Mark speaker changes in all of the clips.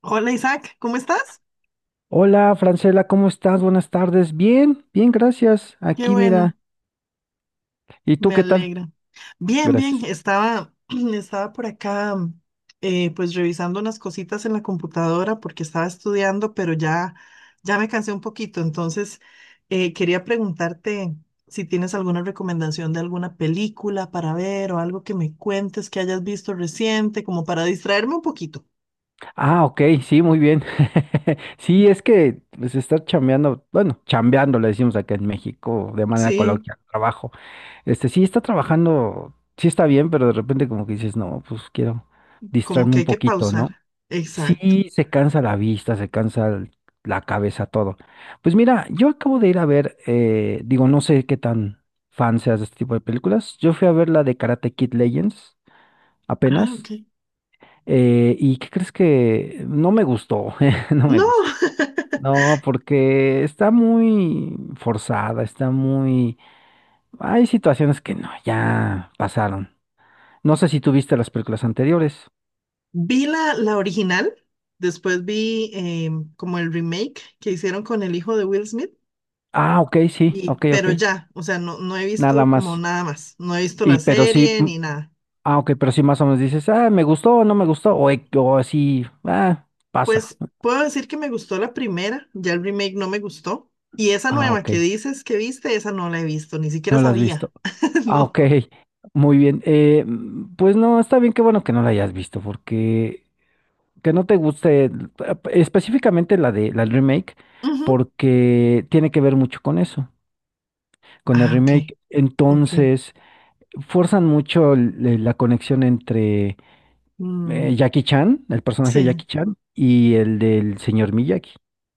Speaker 1: Hola, Isaac, ¿cómo estás?
Speaker 2: Hola, Francela, ¿cómo estás? Buenas tardes. Bien, bien, gracias.
Speaker 1: Qué
Speaker 2: Aquí,
Speaker 1: bueno,
Speaker 2: mira. ¿Y tú
Speaker 1: me
Speaker 2: qué tal?
Speaker 1: alegra. Bien, bien,
Speaker 2: Gracias.
Speaker 1: estaba, estaba por acá, pues revisando unas cositas en la computadora porque estaba estudiando, pero ya, ya me cansé un poquito, entonces quería preguntarte si tienes alguna recomendación de alguna película para ver o algo que me cuentes que hayas visto reciente, como para distraerme un poquito.
Speaker 2: Ah, ok, sí, muy bien. Sí, es que se está chambeando, bueno, chambeando, le decimos acá en México, de manera
Speaker 1: Sí,
Speaker 2: coloquial, trabajo. Este, sí, está trabajando, sí está bien, pero de repente como que dices, no, pues quiero
Speaker 1: como
Speaker 2: distraerme
Speaker 1: que
Speaker 2: un
Speaker 1: hay que
Speaker 2: poquito,
Speaker 1: pausar.
Speaker 2: ¿no?
Speaker 1: Exacto.
Speaker 2: Sí, se cansa la vista, se cansa la cabeza, todo. Pues mira, yo acabo de ir a ver, digo, no sé qué tan fan seas de este tipo de películas. Yo fui a ver la de Karate Kid Legends
Speaker 1: Ah, ok.
Speaker 2: apenas. ¿Y qué crees que no me gustó? No me
Speaker 1: No.
Speaker 2: gustó. No, porque está muy forzada, está muy... Hay situaciones que no, ya pasaron. No sé si tú viste las películas anteriores.
Speaker 1: Vi la original, después vi como el remake que hicieron con el hijo de Will Smith,
Speaker 2: Ah, ok, sí,
Speaker 1: y,
Speaker 2: ok, ok.
Speaker 1: pero ya, o sea, no, no he
Speaker 2: Nada
Speaker 1: visto como
Speaker 2: más.
Speaker 1: nada más, no he visto
Speaker 2: Y
Speaker 1: la
Speaker 2: pero sí.
Speaker 1: serie ni nada.
Speaker 2: Ah, ok, pero sí más o menos dices, ah, me gustó o no me gustó, o, o así, ah, pasa.
Speaker 1: Pues puedo decir que me gustó la primera, ya el remake no me gustó, y esa
Speaker 2: Ah,
Speaker 1: nueva
Speaker 2: ok,
Speaker 1: que dices que viste, esa no la he visto, ni siquiera
Speaker 2: no lo has
Speaker 1: sabía,
Speaker 2: visto. Ah,
Speaker 1: no.
Speaker 2: ok, muy bien. Pues no, está bien, qué bueno que no la hayas visto, porque que no te guste específicamente la de la del remake,
Speaker 1: Ujú.
Speaker 2: porque tiene que ver mucho con eso, con el
Speaker 1: Ah, ok,
Speaker 2: remake.
Speaker 1: ok.
Speaker 2: Entonces, forzan mucho la conexión entre
Speaker 1: Mm,
Speaker 2: Jackie Chan, el personaje de
Speaker 1: sí.
Speaker 2: Jackie Chan, y el del señor Miyagi.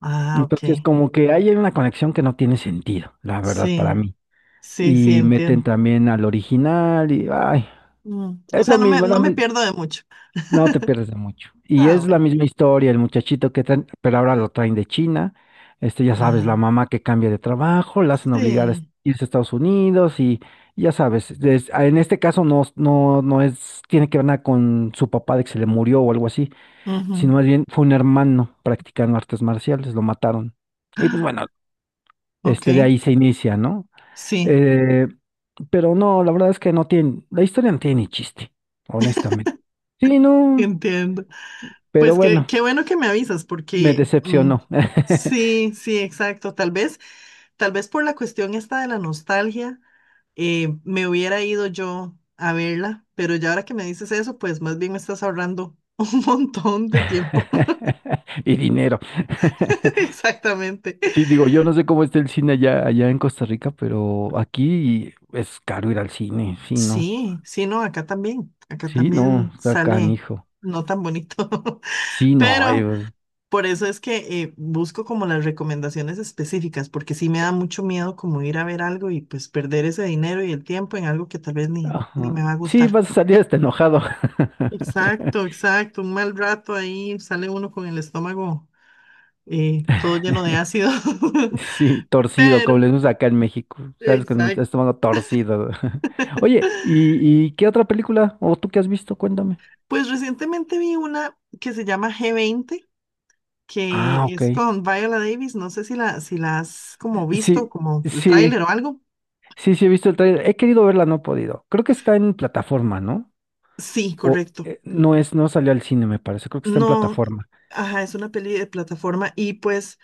Speaker 1: Ah,
Speaker 2: Entonces,
Speaker 1: ok.
Speaker 2: como que hay una conexión que no tiene sentido, la verdad, para
Speaker 1: Sí,
Speaker 2: mí.
Speaker 1: sí, sí,
Speaker 2: Y meten
Speaker 1: entiendo.
Speaker 2: también al original y, ay, es
Speaker 1: O
Speaker 2: lo
Speaker 1: sea, no me,
Speaker 2: mismo, es
Speaker 1: no me pierdo de mucho.
Speaker 2: no te pierdes de mucho. Y
Speaker 1: Ah,
Speaker 2: es la
Speaker 1: bueno.
Speaker 2: misma historia, el muchachito que traen, pero ahora lo traen de China. Este, ya sabes, la
Speaker 1: Ah,
Speaker 2: mamá que cambia de trabajo, la hacen obligar a
Speaker 1: sí.
Speaker 2: irse a Estados Unidos y ya sabes, en este caso no es, tiene que ver nada con su papá de que se le murió o algo así,
Speaker 1: Ujú.
Speaker 2: sino más bien fue un hermano practicando artes marciales, lo mataron. Y pues bueno.
Speaker 1: Ok,
Speaker 2: Este, de ahí se inicia, ¿no?
Speaker 1: sí,
Speaker 2: Eh, pero no, la verdad es que no tiene, la historia no tiene ni chiste, honestamente. Sí, no,
Speaker 1: entiendo.
Speaker 2: pero
Speaker 1: Pues que,
Speaker 2: bueno,
Speaker 1: qué bueno que me avisas,
Speaker 2: me
Speaker 1: porque
Speaker 2: decepcionó.
Speaker 1: sí, sí, exacto. Tal vez por la cuestión esta de la nostalgia, me hubiera ido yo a verla, pero ya ahora que me dices eso, pues más bien me estás ahorrando un montón de tiempo.
Speaker 2: Y dinero.
Speaker 1: Exactamente.
Speaker 2: Sí, digo, yo no sé cómo está el cine allá, allá en Costa Rica, pero aquí es caro ir al cine, sí, no.
Speaker 1: Sí, sí, no, acá también. Acá
Speaker 2: Sí, no,
Speaker 1: también
Speaker 2: está
Speaker 1: sale
Speaker 2: canijo.
Speaker 1: no tan bonito.
Speaker 2: Sí, no, ay,
Speaker 1: Pero
Speaker 2: pues,
Speaker 1: por eso es que busco como las recomendaciones específicas, porque sí me da mucho miedo como ir a ver algo y pues perder ese dinero y el tiempo en algo que tal vez ni, ni me
Speaker 2: ajá.
Speaker 1: va a
Speaker 2: Sí,
Speaker 1: gustar.
Speaker 2: vas a salir hasta enojado.
Speaker 1: Exacto, exacto. Un mal rato ahí sale uno con el estómago todo lleno de ácido.
Speaker 2: Sí, torcido, como
Speaker 1: Pero,
Speaker 2: les gusta acá en México. Sabes que el
Speaker 1: exacto.
Speaker 2: estómago torcido. Oye, ¿y, qué otra película? ¿O tú qué has visto? Cuéntame.
Speaker 1: Pues recientemente vi una que se llama G20,
Speaker 2: Ah,
Speaker 1: que
Speaker 2: ok.
Speaker 1: es con Viola Davis. No sé si la has como visto,
Speaker 2: Sí,
Speaker 1: como el
Speaker 2: sí,
Speaker 1: tráiler o algo.
Speaker 2: sí, he visto el trailer. He querido verla, no he podido. Creo que está en plataforma, ¿no?
Speaker 1: Sí,
Speaker 2: O
Speaker 1: correcto.
Speaker 2: no es, no salió al cine, me parece. Creo que está en
Speaker 1: No,
Speaker 2: plataforma.
Speaker 1: ajá, es una peli de plataforma y pues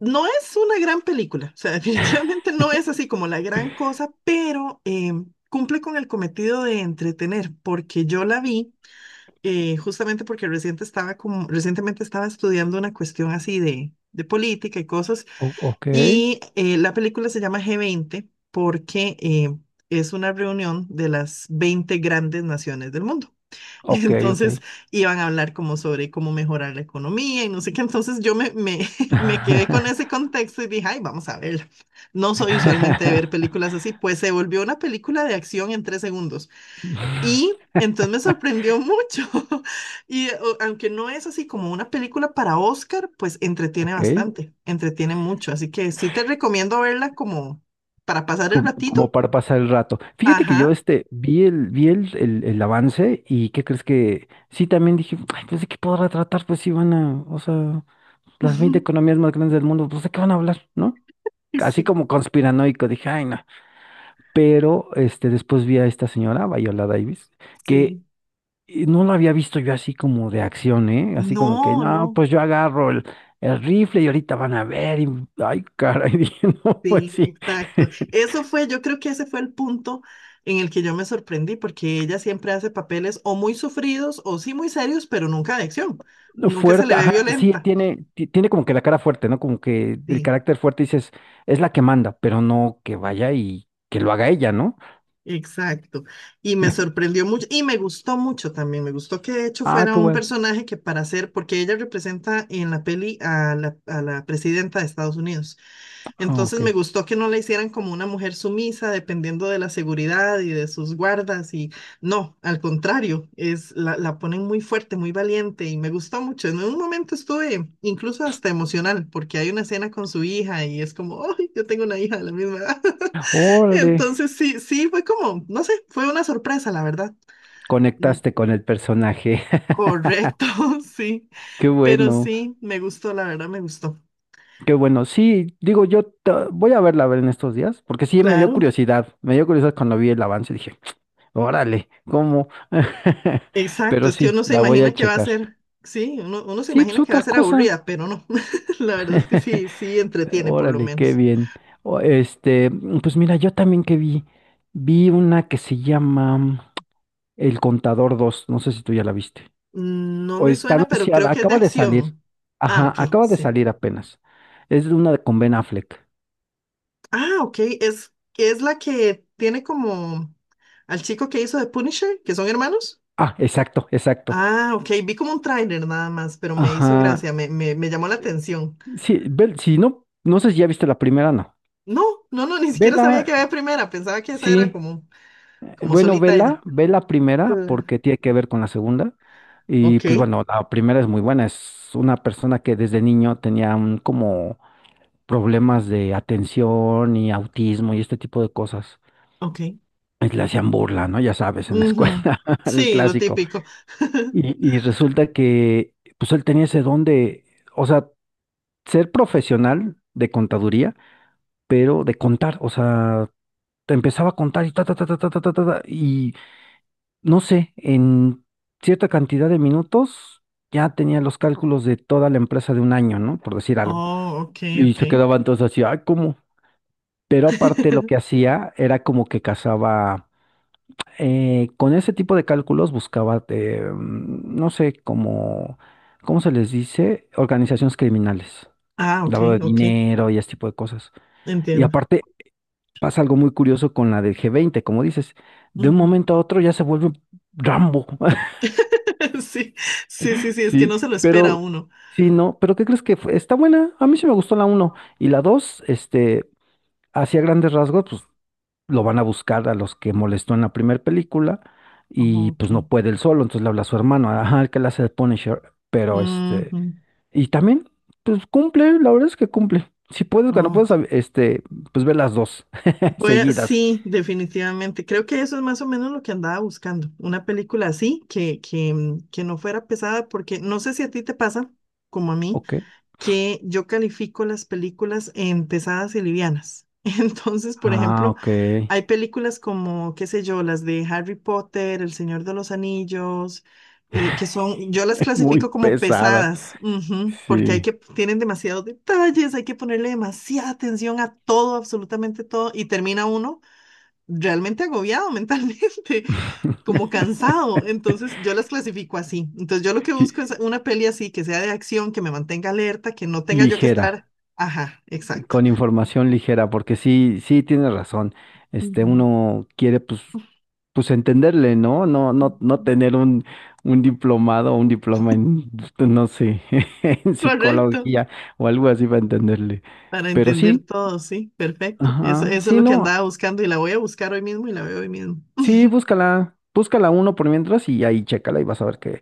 Speaker 1: no es una gran película, o sea, definitivamente no es así como la gran cosa, pero cumple con el cometido de entretener, porque yo la vi justamente porque reciente estaba como, recientemente estaba estudiando una cuestión así de política y cosas,
Speaker 2: Ok,
Speaker 1: y la película se llama G20 porque es una reunión de las 20 grandes naciones del mundo.
Speaker 2: ok.
Speaker 1: Entonces iban a hablar como sobre cómo mejorar la economía y no sé qué. Entonces yo me quedé con ese contexto y dije, ay, vamos a verla. No soy usualmente de ver películas así, pues se volvió una película de acción en 3 segundos. Y entonces me sorprendió mucho. Y aunque no es así como una película para Oscar, pues entretiene
Speaker 2: Ok.
Speaker 1: bastante, entretiene mucho. Así que sí te recomiendo verla como para pasar el
Speaker 2: Como,
Speaker 1: ratito.
Speaker 2: como para pasar el rato. Fíjate que yo
Speaker 1: Ajá.
Speaker 2: este vi vi el avance y ¿qué crees que? Sí, también dije, ay, pues de qué podrá tratar, pues sí van a, o sea, las 20 economías más grandes del mundo, pues de qué van a hablar, ¿no? Así
Speaker 1: Sí,
Speaker 2: como conspiranoico, dije, ay, no. Pero este, después vi a esta señora, Viola Davis, que
Speaker 1: sí.
Speaker 2: no la había visto yo así como de acción, ¿eh? Así como que,
Speaker 1: No,
Speaker 2: no,
Speaker 1: no.
Speaker 2: pues yo agarro el rifle y ahorita van a ver, y, ay, caray, dije, no, pues
Speaker 1: Sí,
Speaker 2: sí.
Speaker 1: exacto. Eso fue, yo creo que ese fue el punto en el que yo me sorprendí, porque ella siempre hace papeles o muy sufridos o sí muy serios, pero nunca de acción. Nunca se
Speaker 2: Fuerte,
Speaker 1: le ve
Speaker 2: ajá, sí,
Speaker 1: violenta.
Speaker 2: tiene, tiene como que la cara fuerte, ¿no? Como que el
Speaker 1: Sí,
Speaker 2: carácter fuerte dices, es la que manda, pero no que vaya y que lo haga ella, ¿no?
Speaker 1: exacto. Y me sorprendió mucho y me gustó mucho también. Me gustó que de hecho
Speaker 2: Ah,
Speaker 1: fuera
Speaker 2: qué
Speaker 1: un
Speaker 2: bueno.
Speaker 1: personaje que para ser, porque ella representa en la peli a la presidenta de Estados Unidos.
Speaker 2: Ah,
Speaker 1: Entonces
Speaker 2: ok.
Speaker 1: me gustó que no la hicieran como una mujer sumisa, dependiendo de la seguridad y de sus guardas. Y no, al contrario, es la ponen muy fuerte, muy valiente y me gustó mucho. En un momento estuve incluso hasta emocional, porque hay una escena con su hija y es como, ¡ay, yo tengo una hija de la misma edad!
Speaker 2: Órale,
Speaker 1: Entonces sí, sí, fue como, no sé, fue una sorpresa, la verdad. Mm,
Speaker 2: conectaste con el personaje.
Speaker 1: correcto, sí,
Speaker 2: Qué
Speaker 1: pero
Speaker 2: bueno,
Speaker 1: sí, me gustó, la verdad me gustó.
Speaker 2: qué bueno. Sí, digo, yo voy a verla a ver en estos días, porque sí me dio
Speaker 1: Claro.
Speaker 2: curiosidad. Me dio curiosidad cuando vi el avance, dije, órale, ¿cómo?
Speaker 1: Exacto,
Speaker 2: Pero
Speaker 1: es que
Speaker 2: sí,
Speaker 1: uno se
Speaker 2: la voy a
Speaker 1: imagina que va a
Speaker 2: checar.
Speaker 1: ser, sí, uno, uno se
Speaker 2: Sí, pues
Speaker 1: imagina que va a
Speaker 2: otra
Speaker 1: ser
Speaker 2: cosa.
Speaker 1: aburrida, pero no. La verdad es que sí, sí entretiene por lo
Speaker 2: Órale, qué
Speaker 1: menos.
Speaker 2: bien. Este, mm, pues mira, yo también que vi, vi una que se llama El Contador dos, no sé si tú ya la viste.
Speaker 1: No
Speaker 2: O
Speaker 1: me
Speaker 2: está
Speaker 1: suena, pero
Speaker 2: anunciada,
Speaker 1: creo que es de
Speaker 2: acaba de salir.
Speaker 1: acción. Ah,
Speaker 2: Ajá,
Speaker 1: ok,
Speaker 2: acaba de
Speaker 1: sí.
Speaker 2: salir apenas. Es de una de con Ben Affleck.
Speaker 1: Ah, ok, es la que tiene como al chico que hizo de Punisher, que son hermanos.
Speaker 2: Ah, exacto, exacto.
Speaker 1: Ah, ok, vi como un tráiler nada más, pero me hizo
Speaker 2: Ajá.
Speaker 1: gracia, me llamó la atención.
Speaker 2: Sí, si no, no sé si ya viste la primera, no.
Speaker 1: No, no, no, ni siquiera
Speaker 2: Vela,
Speaker 1: sabía que había primera, pensaba que esa era
Speaker 2: sí.
Speaker 1: como, como
Speaker 2: Bueno,
Speaker 1: solita ella.
Speaker 2: vela, ve la primera
Speaker 1: Claro.
Speaker 2: porque tiene que ver con la segunda. Y
Speaker 1: Ok,
Speaker 2: pues bueno, la primera es muy buena. Es una persona que desde niño tenía como problemas de atención y autismo y este tipo de cosas.
Speaker 1: ok.
Speaker 2: Y le hacían burla, ¿no? Ya sabes, en la
Speaker 1: Ujú.
Speaker 2: escuela, el
Speaker 1: Sí, lo
Speaker 2: clásico.
Speaker 1: típico.
Speaker 2: Y resulta que pues él tenía ese don de, o sea, ser profesional de contaduría, pero de contar, o sea, te empezaba a contar y ta, ta, ta, ta, ta, ta, ta, ta, ta, y no sé, en cierta cantidad de minutos ya tenía los cálculos de toda la empresa de un año, ¿no? Por decir algo.
Speaker 1: Oh, ok,
Speaker 2: Y
Speaker 1: ok.
Speaker 2: se quedaban todos así, ay, ¿cómo? Pero aparte lo que hacía era como que cazaba, con ese tipo de cálculos buscaba, no sé, como, ¿cómo se les dice? Organizaciones criminales,
Speaker 1: Ah, ok,
Speaker 2: lavado de
Speaker 1: ok.
Speaker 2: dinero y ese tipo de cosas. Y
Speaker 1: Entiendo.
Speaker 2: aparte pasa algo muy curioso con la del G20, como dices, de un
Speaker 1: Ujú.
Speaker 2: momento a otro ya se vuelve Rambo.
Speaker 1: Sí, sí, sí, sí, es que
Speaker 2: Sí,
Speaker 1: no se lo espera
Speaker 2: pero
Speaker 1: uno.
Speaker 2: sí, no, pero ¿qué crees que fue? Está buena, a mí sí me gustó la uno y la 2. Este, hacia grandes rasgos, pues lo van a buscar a los que molestó en la primera película
Speaker 1: Oh,
Speaker 2: y pues no
Speaker 1: ok.
Speaker 2: puede él solo, entonces le habla a su hermano, ajá, el que le hace de Punisher, pero este,
Speaker 1: Ujú.
Speaker 2: y también, pues cumple, la verdad es que cumple. Si puedes, cuando
Speaker 1: Oh.
Speaker 2: puedes, este, pues ve las dos
Speaker 1: Voy a,
Speaker 2: seguidas,
Speaker 1: sí, definitivamente. Creo que eso es más o menos lo que andaba buscando. Una película así, que no fuera pesada, porque no sé si a ti te pasa, como a mí,
Speaker 2: ¿ok?
Speaker 1: que yo califico las películas en pesadas y livianas. Entonces, por
Speaker 2: Ah,
Speaker 1: ejemplo,
Speaker 2: ok.
Speaker 1: hay películas como, qué sé yo, las de Harry Potter, El Señor de los Anillos, que son, yo las
Speaker 2: Muy
Speaker 1: clasifico como
Speaker 2: pesadas.
Speaker 1: pesadas, ujú, porque hay
Speaker 2: Sí.
Speaker 1: que, tienen demasiados detalles, hay que ponerle demasiada atención a todo, absolutamente todo, y termina uno realmente agobiado mentalmente, como cansado. Entonces yo las clasifico así. Entonces yo lo que
Speaker 2: Sí,
Speaker 1: busco es una peli así, que sea de acción, que me mantenga alerta, que no tenga yo que
Speaker 2: ligera.
Speaker 1: estar. Ajá, exacto.
Speaker 2: Con información ligera, porque sí, sí tienes razón. Este,
Speaker 1: Ujú.
Speaker 2: uno quiere pues, pues entenderle, ¿no? No tener un diplomado o un diploma en, no sé, en
Speaker 1: Correcto.
Speaker 2: psicología o algo así para entenderle.
Speaker 1: Para
Speaker 2: Pero
Speaker 1: entender
Speaker 2: sí,
Speaker 1: todo, sí, perfecto. Eso,
Speaker 2: ajá,
Speaker 1: eso es
Speaker 2: sí,
Speaker 1: lo que andaba
Speaker 2: no,
Speaker 1: buscando y la voy a buscar hoy mismo y la veo hoy mismo.
Speaker 2: sí, búscala, búscala uno por mientras y ahí chécala y vas a ver que,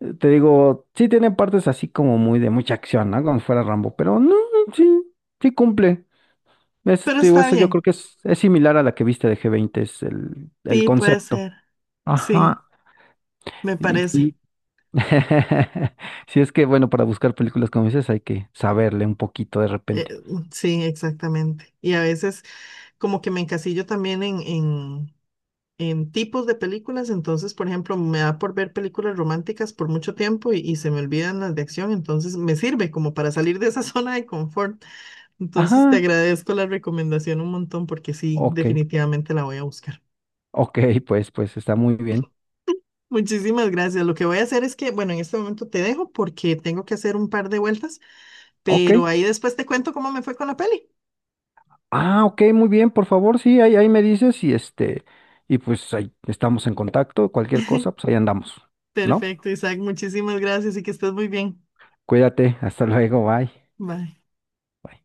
Speaker 2: te digo, sí tiene partes así como muy de mucha acción, ¿no? Como si fuera Rambo, pero no, sí, sí cumple. Eso,
Speaker 1: Pero
Speaker 2: te digo,
Speaker 1: está
Speaker 2: eso yo
Speaker 1: bien.
Speaker 2: creo que es similar a la que viste de G20, es el
Speaker 1: Sí, puede
Speaker 2: concepto.
Speaker 1: ser. Sí,
Speaker 2: Ajá.
Speaker 1: me
Speaker 2: Y
Speaker 1: parece.
Speaker 2: sí. Si es que, bueno, para buscar películas como dices, hay que saberle un poquito de
Speaker 1: Eh,
Speaker 2: repente.
Speaker 1: sí, exactamente. Y a veces como que me encasillo también en, en tipos de películas, entonces, por ejemplo, me da por ver películas románticas por mucho tiempo y se me olvidan las de acción, entonces me sirve como para salir de esa zona de confort. Entonces, te
Speaker 2: Ajá.
Speaker 1: agradezco la recomendación un montón porque sí,
Speaker 2: Ok.
Speaker 1: definitivamente la voy a buscar.
Speaker 2: Ok, pues, pues está muy bien.
Speaker 1: Muchísimas gracias. Lo que voy a hacer es que, bueno, en este momento te dejo porque tengo que hacer un par de vueltas,
Speaker 2: Ok.
Speaker 1: pero ahí después te cuento cómo me fue con la peli.
Speaker 2: Ah, ok, muy bien, por favor, sí, ahí, ahí me dices y este, y pues ahí estamos en contacto, cualquier cosa, pues ahí andamos, ¿no?
Speaker 1: Perfecto, Isaac. Muchísimas gracias y que estés muy bien.
Speaker 2: Cuídate, hasta luego, bye.
Speaker 1: Bye.